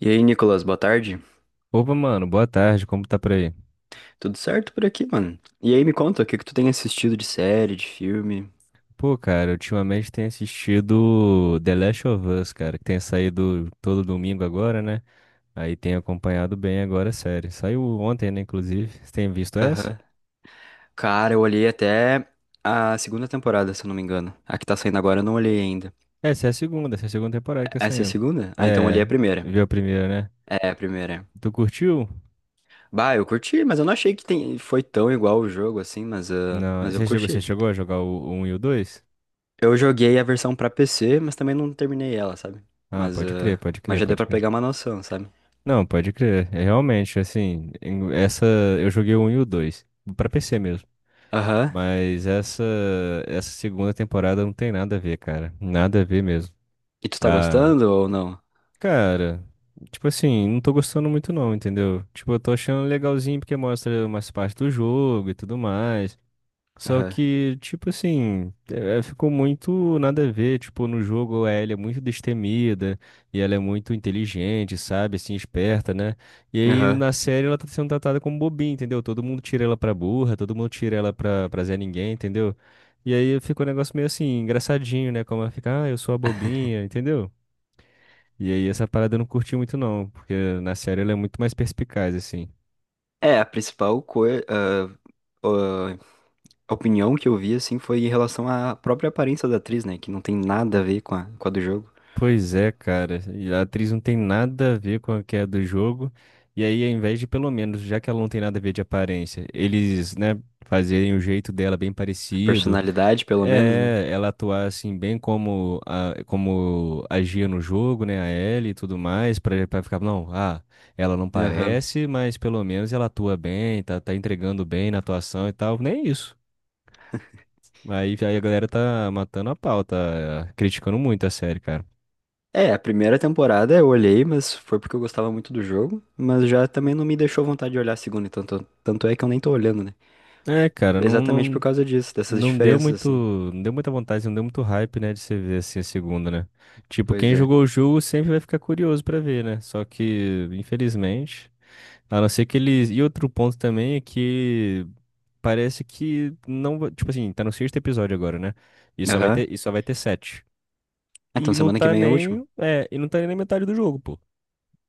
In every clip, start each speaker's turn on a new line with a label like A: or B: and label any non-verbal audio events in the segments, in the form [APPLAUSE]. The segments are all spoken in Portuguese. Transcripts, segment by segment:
A: E aí, Nicolas, boa tarde.
B: Opa, mano, boa tarde, como tá por aí?
A: Tudo certo por aqui, mano? E aí, me conta, o que tu tem assistido de série, de filme?
B: Pô, cara, ultimamente tenho assistido The Last of Us, cara, que tem saído todo domingo agora, né? Aí tenho acompanhado bem agora a série. Saiu ontem, né, inclusive. Você tem visto essa?
A: Aham. Cara, eu olhei até a segunda temporada, se eu não me engano. A que tá saindo agora eu não olhei ainda.
B: É, essa é a segunda temporada que tá
A: Essa é a
B: saindo.
A: segunda? Ah, então eu olhei
B: É,
A: a primeira.
B: viu a primeira, né?
A: É, a primeira.
B: Tu curtiu?
A: Bah, eu curti, mas eu não achei que tem foi tão igual o jogo assim, mas,
B: Não,
A: mas eu
B: você chegou, você
A: curti.
B: chegou a jogar o 1 e o 2?
A: Eu joguei a versão pra PC, mas também não terminei ela, sabe?
B: Ah,
A: Mas,
B: pode crer,
A: ah,
B: pode
A: mas
B: crer,
A: já deu
B: pode
A: pra
B: crer.
A: pegar uma noção, sabe?
B: Não, pode crer. É realmente, assim, essa eu joguei o um e o 2 pra PC mesmo.
A: Aham.
B: Mas essa segunda temporada não tem nada a ver, cara. Nada a ver mesmo.
A: E tu tá
B: Ah,
A: gostando ou não?
B: cara, tipo assim, não tô gostando muito não, entendeu? Tipo, eu tô achando legalzinho porque mostra umas partes do jogo e tudo mais. Só
A: Aham.
B: que, tipo assim, ficou muito nada a ver. Tipo, no jogo a Ellie é muito destemida e ela é muito inteligente, sabe? Assim, esperta, né? E aí
A: Aham.
B: na série ela tá sendo tratada como bobinha, entendeu? Todo mundo tira ela pra burra, todo mundo tira ela pra, Zé Ninguém, entendeu? E aí ficou um negócio meio assim, engraçadinho, né? Como ela fica, ah, eu sou a bobinha, entendeu? E aí essa parada eu não curti muito não, porque na série ela é muito mais perspicaz, assim.
A: É, a principal coi- ah, ah, opinião que eu vi, assim, foi em relação à própria aparência da atriz, né? Que não tem nada a ver com com a do jogo.
B: Pois é, cara. E a atriz não tem nada a ver com a que é do jogo. E aí, ao invés de, pelo menos, já que ela não tem nada a ver de aparência, eles, né, fazerem o jeito dela bem
A: A
B: parecido.
A: personalidade, pelo menos, né?
B: É, ela atuar assim, bem como, como agia no jogo, né, a Ellie e tudo mais, pra ficar, não, ela não
A: Aham.
B: parece, mas pelo menos ela atua bem, tá entregando bem na atuação e tal. Nem isso. Aí a galera tá matando a pau, tá criticando muito a série, cara.
A: É, a primeira temporada eu olhei, mas foi porque eu gostava muito do jogo. Mas já também não me deixou vontade de olhar a segunda, então tanto é que eu nem tô olhando, né?
B: É, cara, não,
A: Exatamente por
B: não.
A: causa disso, dessas
B: Não deu
A: diferenças,
B: muito,
A: assim.
B: não deu muita vontade, não deu muito hype, né, de você ver assim a segunda, né? Tipo,
A: Pois
B: quem
A: é.
B: jogou o jogo sempre vai ficar curioso pra ver, né? Só que, infelizmente, a não ser que eles. E outro ponto também é que parece que não, tipo assim, tá no sexto episódio agora, né? E só vai
A: Aham.
B: ter, e só vai ter sete.
A: Ah, então
B: E não
A: semana que
B: tá
A: vem é o último?
B: nem, é, e não tá nem na metade do jogo, pô.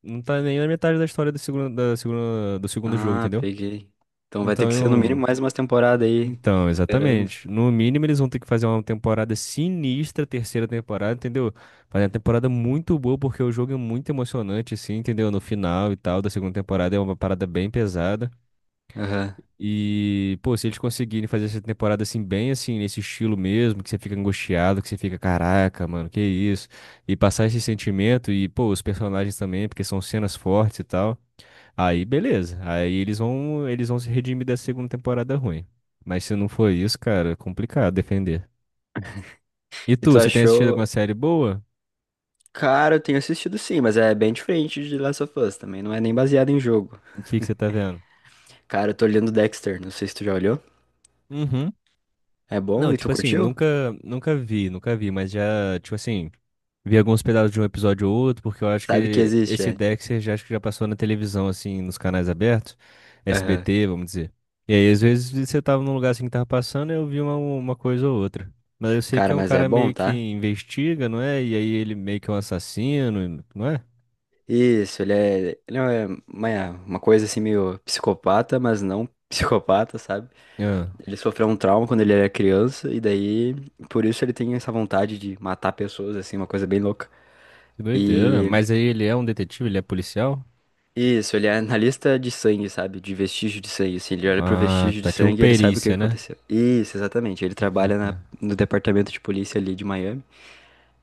B: Não tá nem na metade da história do segundo, da segunda, do segundo jogo,
A: Ah,
B: entendeu?
A: peguei. Então vai ter que ser no
B: Então,
A: mínimo mais umas temporadas aí. Fico esperando.
B: Exatamente. No mínimo, eles vão ter que fazer uma temporada sinistra, terceira temporada, entendeu? Fazer uma temporada muito boa, porque o jogo é muito emocionante, assim, entendeu? No final e tal, da segunda temporada é uma parada bem pesada.
A: Aham.
B: E, pô, se eles conseguirem fazer essa temporada, assim, bem assim, nesse estilo mesmo, que você fica angustiado, que você fica, caraca, mano, que isso? E passar esse sentimento, e, pô, os personagens também, porque são cenas fortes e tal. Aí beleza. Aí eles vão se redimir da segunda temporada ruim. Mas se não for isso, cara, é complicado defender. E
A: E tu
B: você tem assistido
A: achou?
B: alguma série boa?
A: Cara, eu tenho assistido sim, mas é bem diferente de Last of Us também. Não é nem baseado em jogo.
B: O que que você tá vendo?
A: Cara, eu tô olhando Dexter, não sei se tu já olhou.
B: Uhum.
A: É bom
B: Não,
A: e tu
B: tipo assim,
A: curtiu?
B: nunca vi, mas já, tipo assim, vi alguns pedaços de um episódio ou outro, porque eu acho
A: Sabe que
B: que
A: existe,
B: esse
A: é?
B: Dexter já acho que já passou na televisão, assim, nos canais abertos,
A: Aham.
B: SBT, vamos dizer. E aí, às vezes, você tava num lugar assim que tava passando, eu vi uma coisa ou outra. Mas eu sei que
A: Cara,
B: é um
A: mas é
B: cara
A: bom,
B: meio que
A: tá?
B: investiga, não é? E aí ele meio que é um assassino, não é?
A: Isso, ele é é uma coisa assim meio psicopata, mas não [LAUGHS] psicopata, sabe?
B: Ah,
A: Ele sofreu um trauma quando ele era criança e daí por isso ele tem essa vontade de matar pessoas, assim, uma coisa bem louca.
B: que doideira.
A: E
B: Mas aí ele é um detetive, ele é policial?
A: isso, ele é analista de sangue, sabe? De vestígio de sangue, assim. Ele olha pro
B: Ah,
A: vestígio de
B: tá tipo
A: sangue e ele sabe o que
B: perícia, né?
A: aconteceu. Isso, exatamente.
B: Pode crer.
A: No departamento de polícia ali de Miami.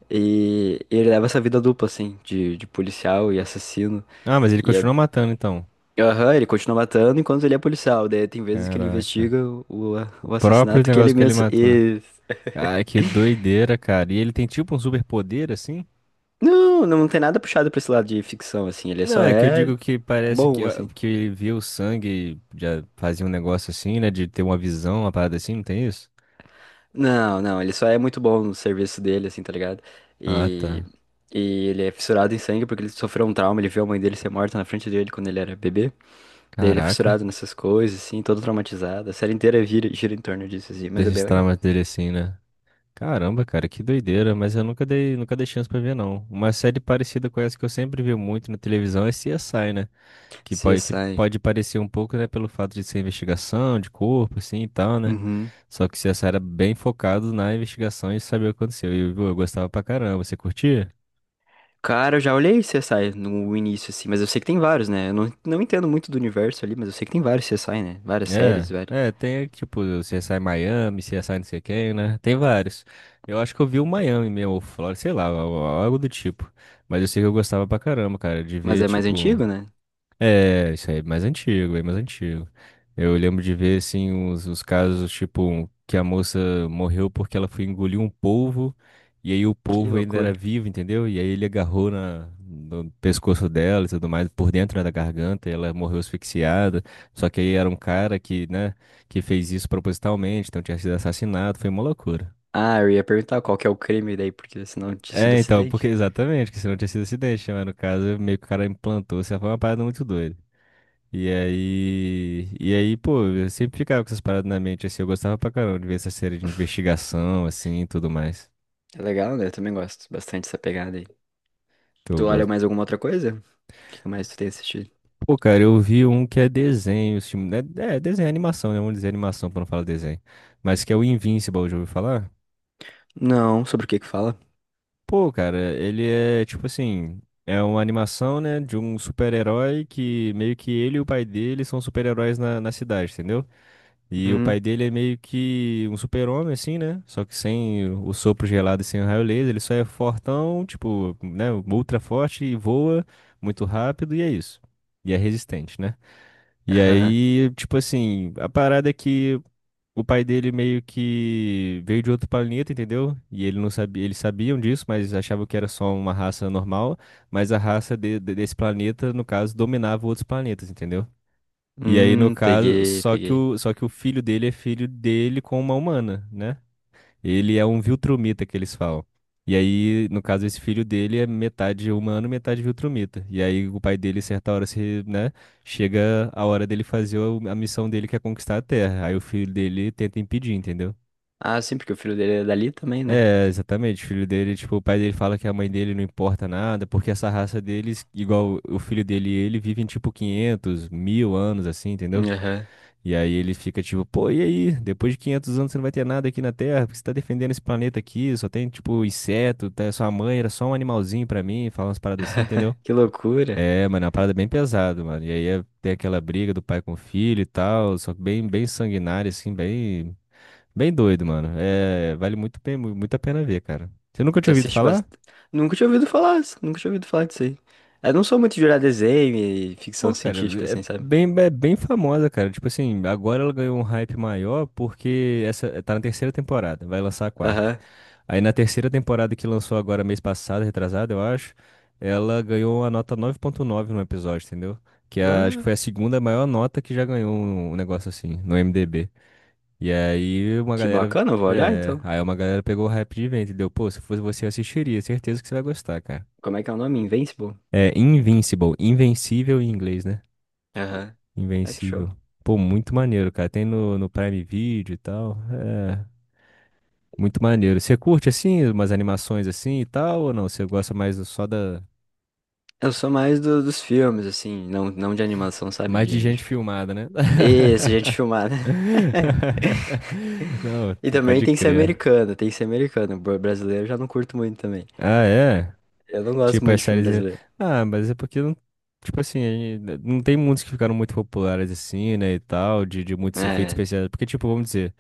A: E ele leva essa vida dupla, assim, de policial e assassino.
B: Ah, mas ele
A: E é.
B: continua matando, então.
A: Aham, ele continua matando enquanto ele é policial. Daí tem vezes que ele
B: Caraca.
A: investiga o,
B: O
A: o
B: próprio
A: assassinato que ele
B: negócio que ele
A: mesmo.
B: matou.
A: E.
B: Ai, que doideira, cara. E ele tem tipo um superpoder assim?
A: Não, não tem nada puxado pra esse lado de ficção, assim. Ele
B: Não,
A: só
B: é que eu
A: é
B: digo que parece que,
A: bom,
B: ó,
A: assim.
B: que ele via o sangue, e já fazia um negócio assim, né? De ter uma visão, uma parada assim, não tem isso?
A: Não, não, Ele só é muito bom no serviço dele, assim, tá ligado?
B: Ah,
A: E,
B: tá.
A: e ele é fissurado em sangue porque ele sofreu um trauma, ele viu a mãe dele ser morta na frente dele quando ele era bebê. Daí ele é fissurado
B: Caraca.
A: nessas coisas, assim, todo traumatizado. A série inteira gira em torno disso, assim, mas é bem
B: Desses
A: legal.
B: traumas dele assim, né? Caramba, cara, que doideira. Mas eu nunca dei chance pra ver, não. Uma série parecida com essa que eu sempre vi muito na televisão é CSI, né? Que pode, que
A: CSI.
B: pode parecer um pouco, né, pelo fato de ser investigação de corpo, assim e tal, né?
A: Uhum.
B: Só que você era bem focado na investigação e saber o que aconteceu. E eu gostava pra caramba. Você curtia?
A: Cara, eu já olhei CSI no início, assim, mas eu sei que tem vários, né? Eu não, Não entendo muito do universo ali, mas eu sei que tem vários CSI, né? Várias
B: É,
A: séries, vários.
B: é, tem tipo CSI Miami, CSI não sei quem, né? Tem vários. Eu acho que eu vi o Miami mesmo, ou Flórida, sei lá, algo do tipo. Mas eu sei que eu gostava pra caramba, cara, de
A: Mas
B: ver,
A: é mais
B: tipo.
A: antigo, né?
B: É, isso aí é mais antigo, é mais antigo. Eu lembro de ver, assim, os casos, tipo, que a moça morreu porque ela foi engolir um polvo, e aí o
A: Que
B: polvo ainda era
A: loucura.
B: vivo, entendeu? E aí ele agarrou na, no pescoço dela e tudo mais, por dentro, né, da garganta, e ela morreu asfixiada. Só que aí era um cara que, né, que fez isso propositalmente, então tinha sido assassinado, foi uma loucura.
A: Ah, eu ia perguntar qual que é o crime daí, porque senão tinha sido
B: É, então, porque
A: acidente.
B: exatamente, que se não tinha sido acidente, né? Mas no caso, meio que o cara implantou, isso foi uma parada muito doida. E aí, pô, eu sempre ficava com essas paradas na mente, assim, eu gostava pra caramba de ver essa série de
A: [LAUGHS]
B: investigação, assim, e tudo mais,
A: É legal, né? Eu também gosto bastante dessa pegada aí.
B: que
A: Tu
B: eu
A: olha
B: gosto.
A: mais alguma outra coisa? O que que mais tu tem assistido?
B: Pô, cara, eu vi um que é desenho, esse é desenho, é animação, né, vamos dizer animação pra não falar desenho, mas que é o Invincible, já ouviu falar?
A: Não, sobre o que que fala?
B: Pô, cara, ele é, tipo assim, é uma animação, né, de um super-herói que meio que ele e o pai dele são super-heróis na, cidade, entendeu? E o
A: Hum,
B: pai dele é meio que um super-homem, assim, né? Só que sem o sopro gelado e sem o raio laser, ele só é fortão, tipo, né? Ultra forte e voa muito rápido e é isso. E é resistente, né? E
A: aham.
B: aí, tipo assim, a parada é que o pai dele meio que veio de outro planeta, entendeu? E ele não sabia, eles sabiam disso, mas achavam que era só uma raça normal, mas a raça desse planeta, no caso, dominava outros planetas, entendeu? E aí, no caso,
A: Peguei,
B: só que
A: peguei.
B: o, só que o filho dele é filho dele com uma humana, né? Ele é um Viltrumita que eles falam. E aí, no caso, esse filho dele é metade humano, metade Viltrumita. E aí o pai dele, certa hora, se, né, chega a hora dele fazer a missão dele, que é conquistar a Terra. Aí o filho dele tenta impedir, entendeu?
A: Ah, sim, porque o filho dele é dali também, né?
B: É, exatamente. O filho dele, tipo, o pai dele fala que a mãe dele não importa nada, porque essa raça deles, igual o filho dele e ele, vivem tipo 500, mil anos, assim, entendeu?
A: Aham.
B: E aí ele fica tipo, pô, e aí? Depois de 500 anos você não vai ter nada aqui na Terra, porque você tá defendendo esse planeta aqui, só tem, tipo, inseto, tá? Sua mãe era só um animalzinho pra mim, fala umas paradas assim, entendeu?
A: Que loucura.
B: É, mano, é uma parada bem pesada, mano. E aí é, tem aquela briga do pai com o filho e tal, só que bem, bem sanguinária, assim, bem, bem doido, mano. É, vale muito, bem, muito a pena ver, cara. Você
A: E
B: nunca
A: tu
B: tinha ouvido
A: assiste
B: falar?
A: bastante. Nunca tinha ouvido falar, s- Nunca tinha ouvido falar disso aí. Eu não sou muito de olhar desenho e ficção
B: Pô, cara,
A: científica,
B: é
A: assim, sabe?
B: bem, é bem famosa, cara. Tipo assim, agora ela ganhou um hype maior porque essa tá na terceira temporada, vai lançar a quarta.
A: Aham.
B: Aí na terceira temporada que lançou agora mês passado, retrasado, eu acho, ela ganhou a nota 9,9 no episódio, entendeu? Que acho que
A: Bah,
B: foi a segunda maior nota que já ganhou um negócio assim, no IMDb. E aí uma
A: que
B: galera,
A: bacana, eu vou olhar
B: é,
A: então.
B: aí uma galera pegou o hype de vento, entendeu? Pô, se fosse você, eu assistiria, certeza que você vai gostar, cara.
A: Como é que é o nome? Invincible?
B: É Invincible, invencível em inglês, né?
A: Aham. Ah, que show.
B: Invencível. Pô, muito maneiro, cara. Tem no, Prime Video e tal. É. Muito maneiro. Você curte assim, umas animações assim e tal, ou não? Você gosta mais só da.
A: Eu sou mais dos filmes, assim, não de animação, sabe?
B: Mais de
A: De
B: gente
A: fi-
B: filmada, né?
A: E gente filmar, né? [LAUGHS]
B: [LAUGHS] Não,
A: E também
B: pode
A: tem que ser
B: crer.
A: americano, tem que ser americano. Br- Brasileiro eu já não curto muito também.
B: Ah, é?
A: Eu não gosto
B: Tipo,
A: muito
B: as
A: de filme
B: séries.
A: brasileiro.
B: Ah, mas é porque não. Tipo assim, aí, né, não tem muitos que ficaram muito populares assim, né? E tal, de muitos efeitos
A: É,
B: especiais. Porque, tipo, vamos dizer.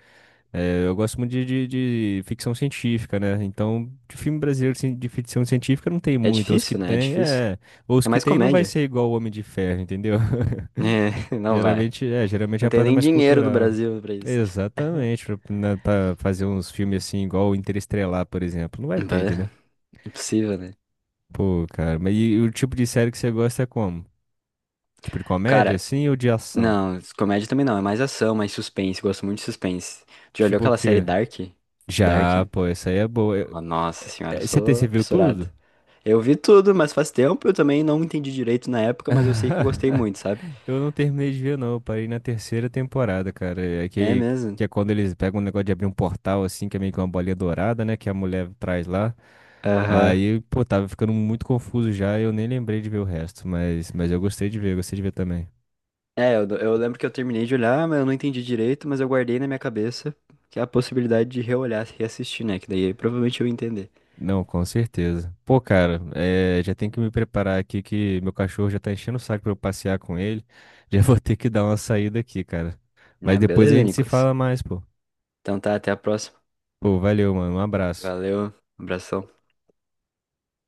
B: É, eu gosto muito de ficção científica, né? Então, de filme brasileiro assim, de ficção científica não tem
A: é
B: muito. Os que
A: difícil, né? É
B: tem,
A: difícil.
B: é. Os
A: É
B: que
A: mais
B: tem não vai
A: comédia.
B: ser igual o Homem de Ferro, entendeu? [LAUGHS]
A: É, [LAUGHS] não vai.
B: Geralmente é
A: Não
B: a
A: tem
B: parada
A: nem
B: mais
A: dinheiro no
B: cultural.
A: Brasil pra isso.
B: Exatamente. Pra, né, fazer uns filmes assim, igual o Interestelar, por exemplo. Não vai ter,
A: Bah,
B: entendeu?
A: impossível, né?
B: Pô, cara. Mas e o tipo de série que você gosta é como? Tipo de comédia,
A: Cara,
B: assim, ou de ação?
A: não, comédia também não. É mais ação, mais suspense. Gosto muito de suspense. Já olhou
B: Tipo o
A: aquela série
B: quê?
A: Dark? Dark?
B: Já, pô, essa aí é boa. Eu-
A: Oh, nossa
B: é-
A: senhora, eu
B: é- Você, tem você
A: sou
B: viu
A: fissurado.
B: tudo?
A: Eu vi tudo, mas faz tempo, eu também não entendi direito na época, mas eu sei que eu gostei
B: [LAUGHS]
A: muito, sabe?
B: Eu não terminei de ver, não. Eu parei na terceira temporada, cara. É
A: É
B: que,
A: mesmo?
B: que é quando eles pegam um negócio de abrir um portal, assim, que é meio que uma bolinha dourada, né? Que a mulher traz lá.
A: Aham.
B: Aí, pô, tava ficando muito confuso já. Eu nem lembrei de ver o resto. Mas eu gostei de ver, eu gostei de ver também.
A: É, eu lembro que eu terminei de olhar, mas eu não entendi direito, mas eu guardei na minha cabeça que é a possibilidade de reolhar, reassistir, né? Que daí provavelmente eu ia entender.
B: Não, com certeza. Pô, cara, já tem que me preparar aqui que meu cachorro já tá enchendo o saco pra eu passear com ele. [LAUGHS] Já vou ter que dar uma saída aqui, cara. Mas
A: Né?
B: depois a
A: Beleza,
B: gente se
A: Nicolas?
B: fala mais, pô.
A: Então tá, até a próxima.
B: Pô, valeu, mano. Um abraço.
A: Valeu, abração.